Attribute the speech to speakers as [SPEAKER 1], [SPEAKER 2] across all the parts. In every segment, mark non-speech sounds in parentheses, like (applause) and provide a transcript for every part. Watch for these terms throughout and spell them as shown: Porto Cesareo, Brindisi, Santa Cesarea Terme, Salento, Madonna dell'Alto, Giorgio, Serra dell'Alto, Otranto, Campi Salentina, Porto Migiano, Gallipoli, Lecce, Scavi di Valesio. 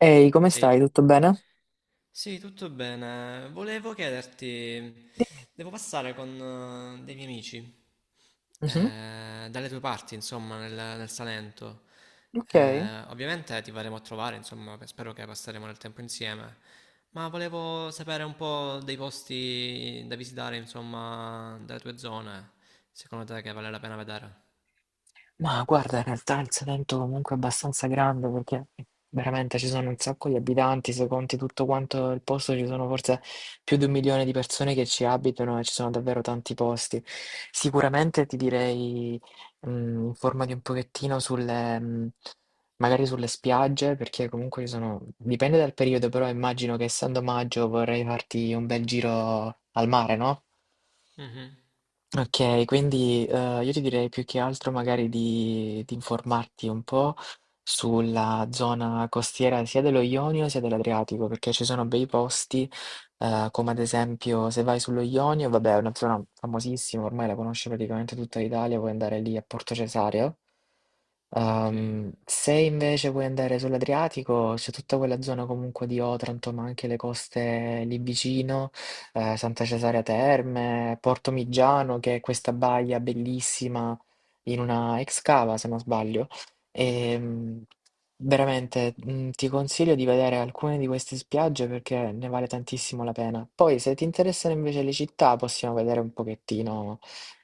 [SPEAKER 1] Ehi, come
[SPEAKER 2] Ehi,
[SPEAKER 1] stai? Tutto bene?
[SPEAKER 2] sì, tutto bene. Volevo chiederti, devo passare con dei miei amici,
[SPEAKER 1] Mhm.
[SPEAKER 2] dalle tue parti, insomma, nel Salento.
[SPEAKER 1] Ok.
[SPEAKER 2] Ovviamente ti verremo a trovare, insomma, spero che passeremo del tempo insieme, ma volevo sapere un po' dei posti da visitare, insomma, dalle tue zone, secondo te che vale la pena vedere.
[SPEAKER 1] Ma guarda, in realtà il Salento comunque è abbastanza grande perché veramente ci sono un sacco di abitanti, se conti tutto quanto il posto ci sono forse più di 1 milione di persone che ci abitano e ci sono davvero tanti posti. Sicuramente ti direi, informati un pochettino sulle, magari sulle spiagge perché comunque ci sono, dipende dal periodo, però immagino che essendo maggio vorrei farti un bel giro al mare, no?
[SPEAKER 2] Mhm,
[SPEAKER 1] Okay, quindi, io ti direi più che altro magari di informarti un po' sulla zona costiera sia dello Ionio sia dell'Adriatico, perché ci sono bei posti. Come ad esempio se vai sullo Ionio, vabbè è una zona famosissima, ormai la conosce praticamente tutta l'Italia, puoi andare lì a Porto Cesareo.
[SPEAKER 2] ok.
[SPEAKER 1] Se invece vuoi andare sull'Adriatico, c'è tutta quella zona comunque di Otranto, ma anche le coste lì vicino, Santa Cesarea Terme, Porto Migiano, che è questa baia bellissima in una ex cava, se non sbaglio.
[SPEAKER 2] Mm.
[SPEAKER 1] Ehm, veramente, ti consiglio di vedere alcune di queste spiagge perché ne vale tantissimo la pena. Poi, se ti interessano invece le città, possiamo vedere un pochettino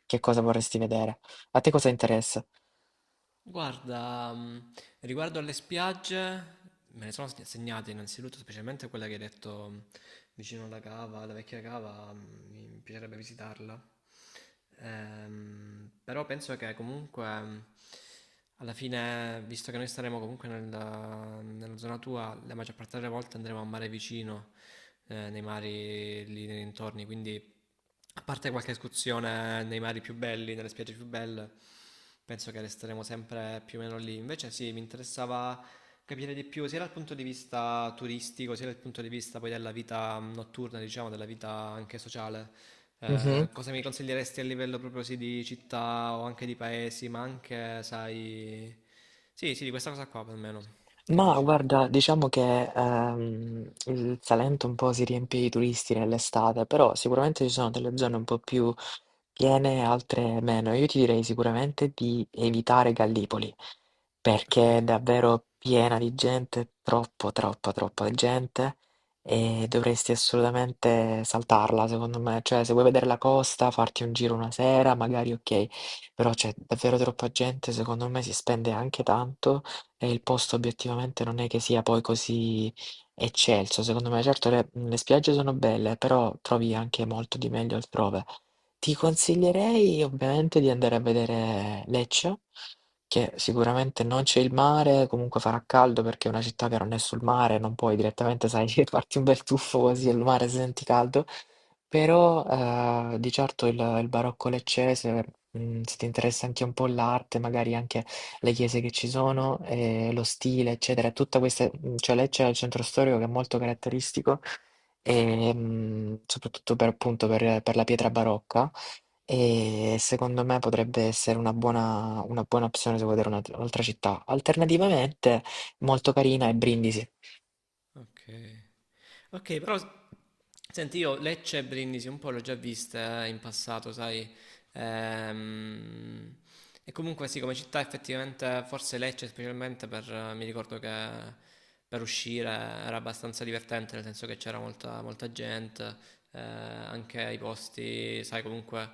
[SPEAKER 1] che cosa vorresti vedere. A te cosa interessa?
[SPEAKER 2] Guarda, riguardo alle spiagge, me ne sono segnate innanzitutto, specialmente quella che hai detto vicino alla cava, alla vecchia cava, mi piacerebbe visitarla. Però penso che comunque, alla fine, visto che noi staremo comunque nella zona tua, la maggior parte delle volte andremo a mare vicino, nei mari lì nei dintorni, quindi... A parte qualche escursione nei mari più belli, nelle spiagge più belle, penso che resteremo sempre più o meno lì. Invece sì, mi interessava capire di più sia dal punto di vista turistico, sia dal punto di vista poi della vita notturna, diciamo, della vita anche sociale.
[SPEAKER 1] Mh-mh.
[SPEAKER 2] Cosa mi consiglieresti a livello proprio sì di città o anche di paesi, ma anche, sai... Sì, sì, di questa cosa qua almeno. Che
[SPEAKER 1] Ma
[SPEAKER 2] dici?
[SPEAKER 1] guarda, diciamo che, il Salento un po' si riempie di turisti nell'estate, però sicuramente ci sono delle zone un po' più piene, altre meno. Io ti direi sicuramente di evitare Gallipoli,
[SPEAKER 2] Ok.
[SPEAKER 1] perché è davvero piena di gente, troppo, troppa, troppa gente, e dovresti assolutamente saltarla, secondo me. Cioè, se vuoi vedere la costa, farti un giro una sera, magari ok, però c'è davvero troppa gente, secondo me si spende anche tanto e il posto obiettivamente non è che sia poi così eccelso, secondo me. Certo, le spiagge sono belle, però trovi anche molto di meglio altrove. Ti consiglierei ovviamente di andare a vedere Lecce, che sicuramente non c'è il mare, comunque farà caldo perché è una città che non è sul mare, non puoi direttamente, sai, (laughs) farti un bel tuffo così al
[SPEAKER 2] Mhm.
[SPEAKER 1] mare se senti caldo, però di certo il barocco leccese, se ti interessa anche un po' l'arte, magari anche le chiese che ci sono, lo stile, eccetera, tutta questa, cioè Lecce è il centro storico che è molto caratteristico e, soprattutto per, appunto per la pietra barocca. E secondo me potrebbe essere una buona opzione se vuoi vedere un'altra città. Alternativamente, molto carina è Brindisi.
[SPEAKER 2] Ok. Ok, però senti, io Lecce e Brindisi un po' l'ho già vista in passato, sai. Ehm, e comunque sì, come città effettivamente, forse Lecce specialmente per, mi ricordo che per uscire era abbastanza divertente, nel senso che c'era molta gente, anche i posti, sai, comunque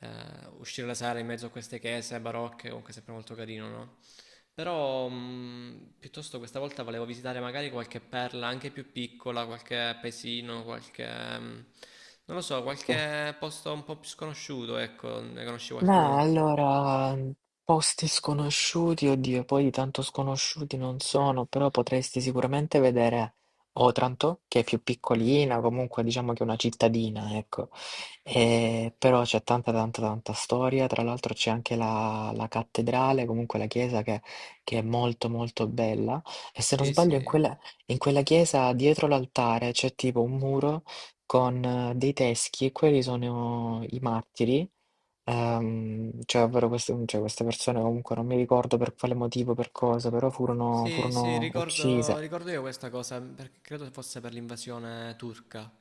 [SPEAKER 2] eh, uscire la sera in mezzo a queste chiese barocche, comunque è sempre molto carino, no? Però piuttosto questa volta volevo visitare magari qualche perla anche più piccola, qualche paesino, qualche... mh, non lo so, qualche posto un po' più sconosciuto, ecco, ne conosci
[SPEAKER 1] Ma
[SPEAKER 2] qualcuno?
[SPEAKER 1] allora, posti sconosciuti, oddio, poi tanto sconosciuti non sono, però potresti sicuramente vedere Otranto, che è più
[SPEAKER 2] Mhm,
[SPEAKER 1] piccolina, comunque diciamo che è una cittadina, ecco.
[SPEAKER 2] sì,
[SPEAKER 1] Però c'è tanta, tanta, tanta storia, tra l'altro c'è anche la, la cattedrale, comunque la chiesa che è molto, molto bella. E se non
[SPEAKER 2] sì,
[SPEAKER 1] sbaglio,
[SPEAKER 2] sì.
[SPEAKER 1] in quella chiesa dietro l'altare c'è tipo un muro con dei teschi, e quelli sono i martiri. Cioè ovvero queste cioè queste persone comunque non mi ricordo per quale motivo, per cosa, però furono
[SPEAKER 2] Sì, sì,
[SPEAKER 1] furono
[SPEAKER 2] ricordo,
[SPEAKER 1] uccise.
[SPEAKER 2] ricordo io questa cosa, perché credo fosse per l'invasione turca.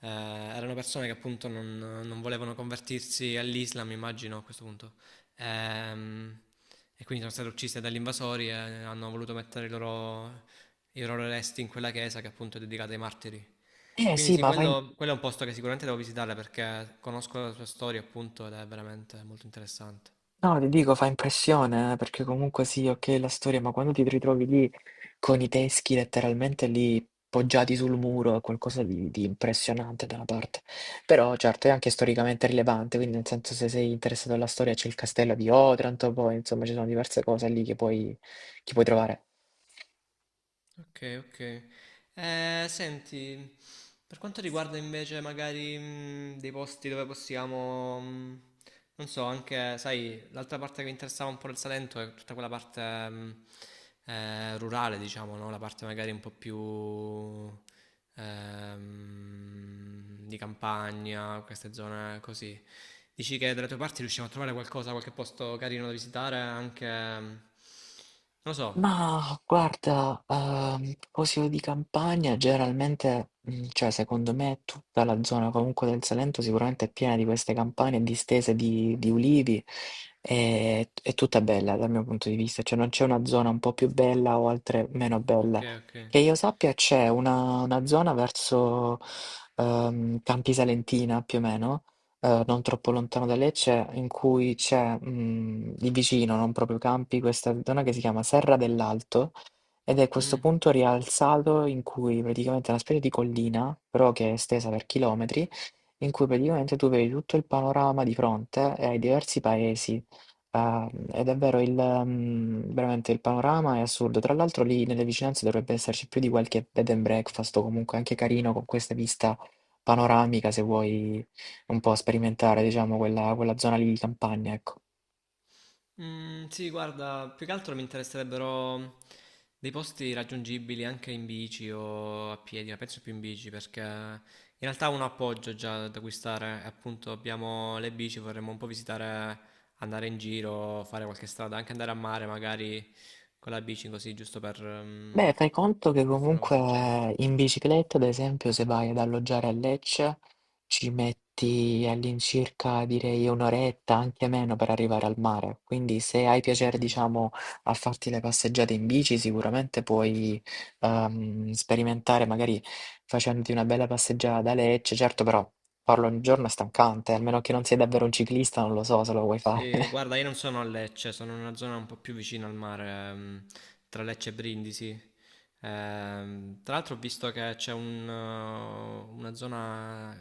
[SPEAKER 2] Erano persone che appunto non volevano convertirsi all'Islam, immagino a questo punto. Ehm, e quindi sono state uccise dagli invasori e hanno voluto mettere i i loro resti in quella chiesa che appunto è dedicata ai martiri.
[SPEAKER 1] Eh
[SPEAKER 2] Quindi
[SPEAKER 1] sì,
[SPEAKER 2] sì,
[SPEAKER 1] ma fa im
[SPEAKER 2] quello è un posto che sicuramente devo visitare perché conosco la sua storia appunto ed è veramente molto interessante.
[SPEAKER 1] no, ti dico, fa impressione, perché comunque sì, okay, la storia, ma quando ti ritrovi lì con i teschi letteralmente lì poggiati sul muro, è qualcosa di impressionante da una parte. Però certo, è anche storicamente rilevante, quindi nel senso se sei interessato alla storia c'è il castello di Otranto, poi insomma ci sono diverse cose lì che puoi trovare.
[SPEAKER 2] Ok, ok. Senti, per quanto riguarda invece magari dei posti dove possiamo, non so, anche, sai, l'altra parte che mi interessava un po' del Salento è tutta quella parte rurale, diciamo, no? La parte magari un po' più di campagna, queste zone così. Dici che dalle tue parti riusciamo a trovare qualcosa, qualche posto carino da visitare, anche, non lo so.
[SPEAKER 1] Ma guarda, poesie di campagna generalmente, cioè secondo me tutta la zona comunque del Salento sicuramente è piena di queste campagne distese di ulivi, t è tutta bella dal mio punto di vista, cioè non c'è una zona un po' più bella o altre meno
[SPEAKER 2] Ok,
[SPEAKER 1] bella.
[SPEAKER 2] ok.
[SPEAKER 1] Che io sappia c'è una zona verso, Campi Salentina più o meno, non troppo lontano da Lecce, in cui c'è, lì vicino, non proprio Campi, questa zona che si chiama Serra dell'Alto, ed è questo
[SPEAKER 2] Mm.
[SPEAKER 1] punto rialzato in cui praticamente è una specie di collina, però che è estesa per chilometri, in cui praticamente tu vedi tutto il panorama di fronte e hai diversi paesi. Ah, ed è vero, il, veramente il panorama è assurdo. Tra l'altro lì nelle vicinanze dovrebbe esserci più di qualche bed and breakfast o comunque anche carino con questa vista panoramica se vuoi un po' sperimentare, diciamo, quella zona lì di campagna, ecco.
[SPEAKER 2] Mm, sì, guarda, più che altro mi interesserebbero dei posti raggiungibili anche in bici o a piedi, ma penso più in bici perché in realtà ho un appoggio già da acquistare, e appunto abbiamo le bici, vorremmo un po' visitare, andare in giro, fare qualche strada, anche andare a mare magari con la bici così, giusto per,
[SPEAKER 1] Beh, fai conto che
[SPEAKER 2] per fare una passeggiata.
[SPEAKER 1] comunque in bicicletta, ad esempio, se vai ad alloggiare a Lecce, ci metti all'incirca, direi, un'oretta, anche meno, per arrivare al mare. Quindi se hai piacere,
[SPEAKER 2] Mm.
[SPEAKER 1] diciamo, a farti le passeggiate in bici, sicuramente puoi sperimentare, magari facendoti una bella passeggiata da Lecce. Certo, però farlo ogni giorno è stancante, almeno che non sei davvero un ciclista, non lo so se lo vuoi fare.
[SPEAKER 2] Sì, guarda, io
[SPEAKER 1] (laughs)
[SPEAKER 2] non sono a Lecce, sono in una zona un po' più vicina al mare, tra Lecce e Brindisi. Tra l'altro ho visto che c'è un, una zona,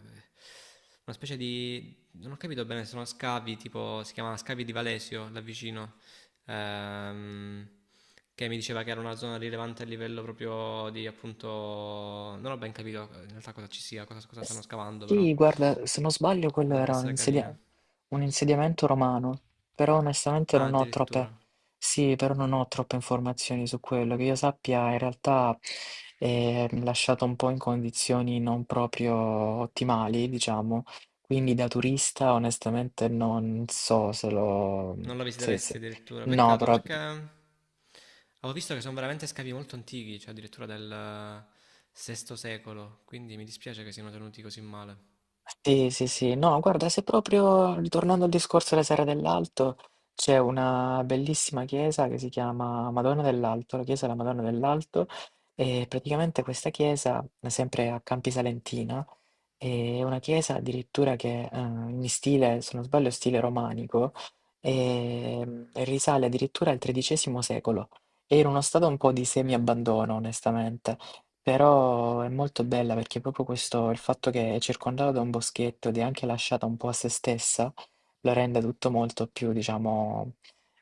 [SPEAKER 2] una specie di, non ho capito bene, sono scavi, tipo, si chiama Scavi di Valesio, là vicino, ehm, che mi diceva che era una zona rilevante a livello proprio di, appunto, non ho ben capito in realtà cosa ci sia, cosa, cosa stanno scavando, però
[SPEAKER 1] Sì, guarda, se non sbaglio quello
[SPEAKER 2] potrebbe
[SPEAKER 1] era
[SPEAKER 2] essere carina.
[SPEAKER 1] un insediamento romano, però onestamente
[SPEAKER 2] Ah,
[SPEAKER 1] non ho troppe,
[SPEAKER 2] addirittura.
[SPEAKER 1] sì, però non ho troppe informazioni su quello. Che io sappia, in realtà è lasciato un po' in condizioni non proprio ottimali, diciamo, quindi da turista onestamente non so se lo...
[SPEAKER 2] Non la
[SPEAKER 1] Sì,
[SPEAKER 2] visiteresti
[SPEAKER 1] sì.
[SPEAKER 2] addirittura.
[SPEAKER 1] No,
[SPEAKER 2] Peccato
[SPEAKER 1] però
[SPEAKER 2] perché avevo visto che sono veramente scavi molto antichi, cioè addirittura del VI secolo, quindi mi dispiace che siano tenuti così male.
[SPEAKER 1] sì, sì, sì. No, guarda, se proprio ritornando al discorso della Serra dell'Alto, c'è una bellissima chiesa che si chiama Madonna dell'Alto, la chiesa della Madonna dell'Alto, e praticamente questa chiesa, sempre a Campi Salentina, è una chiesa addirittura che, in stile se non sbaglio stile romanico, e risale addirittura al XIII secolo. È in uno stato un po' di
[SPEAKER 2] Che-
[SPEAKER 1] semi-abbandono onestamente, però è molto bella perché proprio questo il fatto che è circondata da un boschetto ed è anche lasciata un po' a se stessa, lo rende tutto molto più diciamo,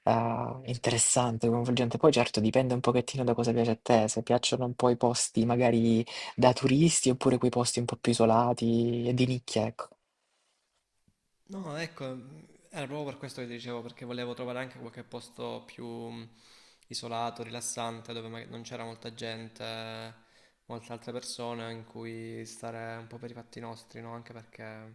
[SPEAKER 1] interessante, coinvolgente. Poi certo dipende un pochettino da cosa piace a te, se piacciono un po' i posti magari da turisti oppure quei posti un po' più isolati e di nicchia, ecco.
[SPEAKER 2] No, ecco, era proprio per questo che ti dicevo, perché volevo trovare anche qualche posto più isolato, rilassante, dove magari non c'era molta gente, molte altre persone in cui stare un po' per i fatti nostri, no? Anche perché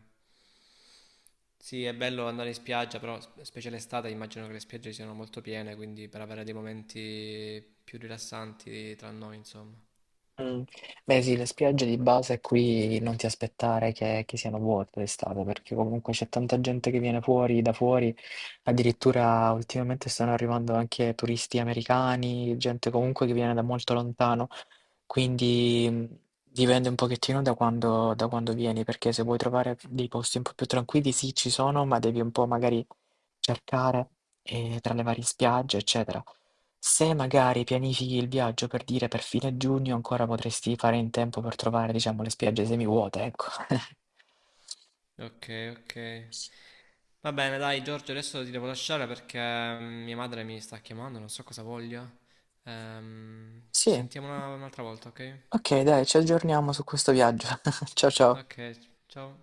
[SPEAKER 2] sì, è bello andare in spiaggia, però specie l'estate immagino che le spiagge siano molto piene, quindi per avere dei momenti più rilassanti tra noi, insomma.
[SPEAKER 1] Mm. Beh sì, le spiagge di base qui non ti aspettare che siano vuote d'estate, perché comunque c'è tanta gente che viene fuori, da fuori, addirittura ultimamente stanno arrivando anche turisti americani, gente comunque che viene da molto lontano. Quindi dipende un pochettino da quando vieni, perché se vuoi trovare dei posti un po' più tranquilli, sì, ci sono, ma devi un po' magari cercare tra le varie spiagge, eccetera. Se magari pianifichi il viaggio per dire per fine giugno, ancora potresti fare in tempo per trovare, diciamo, le spiagge semivuote, ecco. (laughs)
[SPEAKER 2] Ok, ok. Va bene, dai Giorgio, adesso ti devo lasciare perché mia madre mi sta chiamando, non so cosa voglia. Ci
[SPEAKER 1] Sì,
[SPEAKER 2] sentiamo un'altra volta, ok?
[SPEAKER 1] ok, dai, ci aggiorniamo su questo viaggio. (laughs) Ciao ciao.
[SPEAKER 2] Ok, ciao.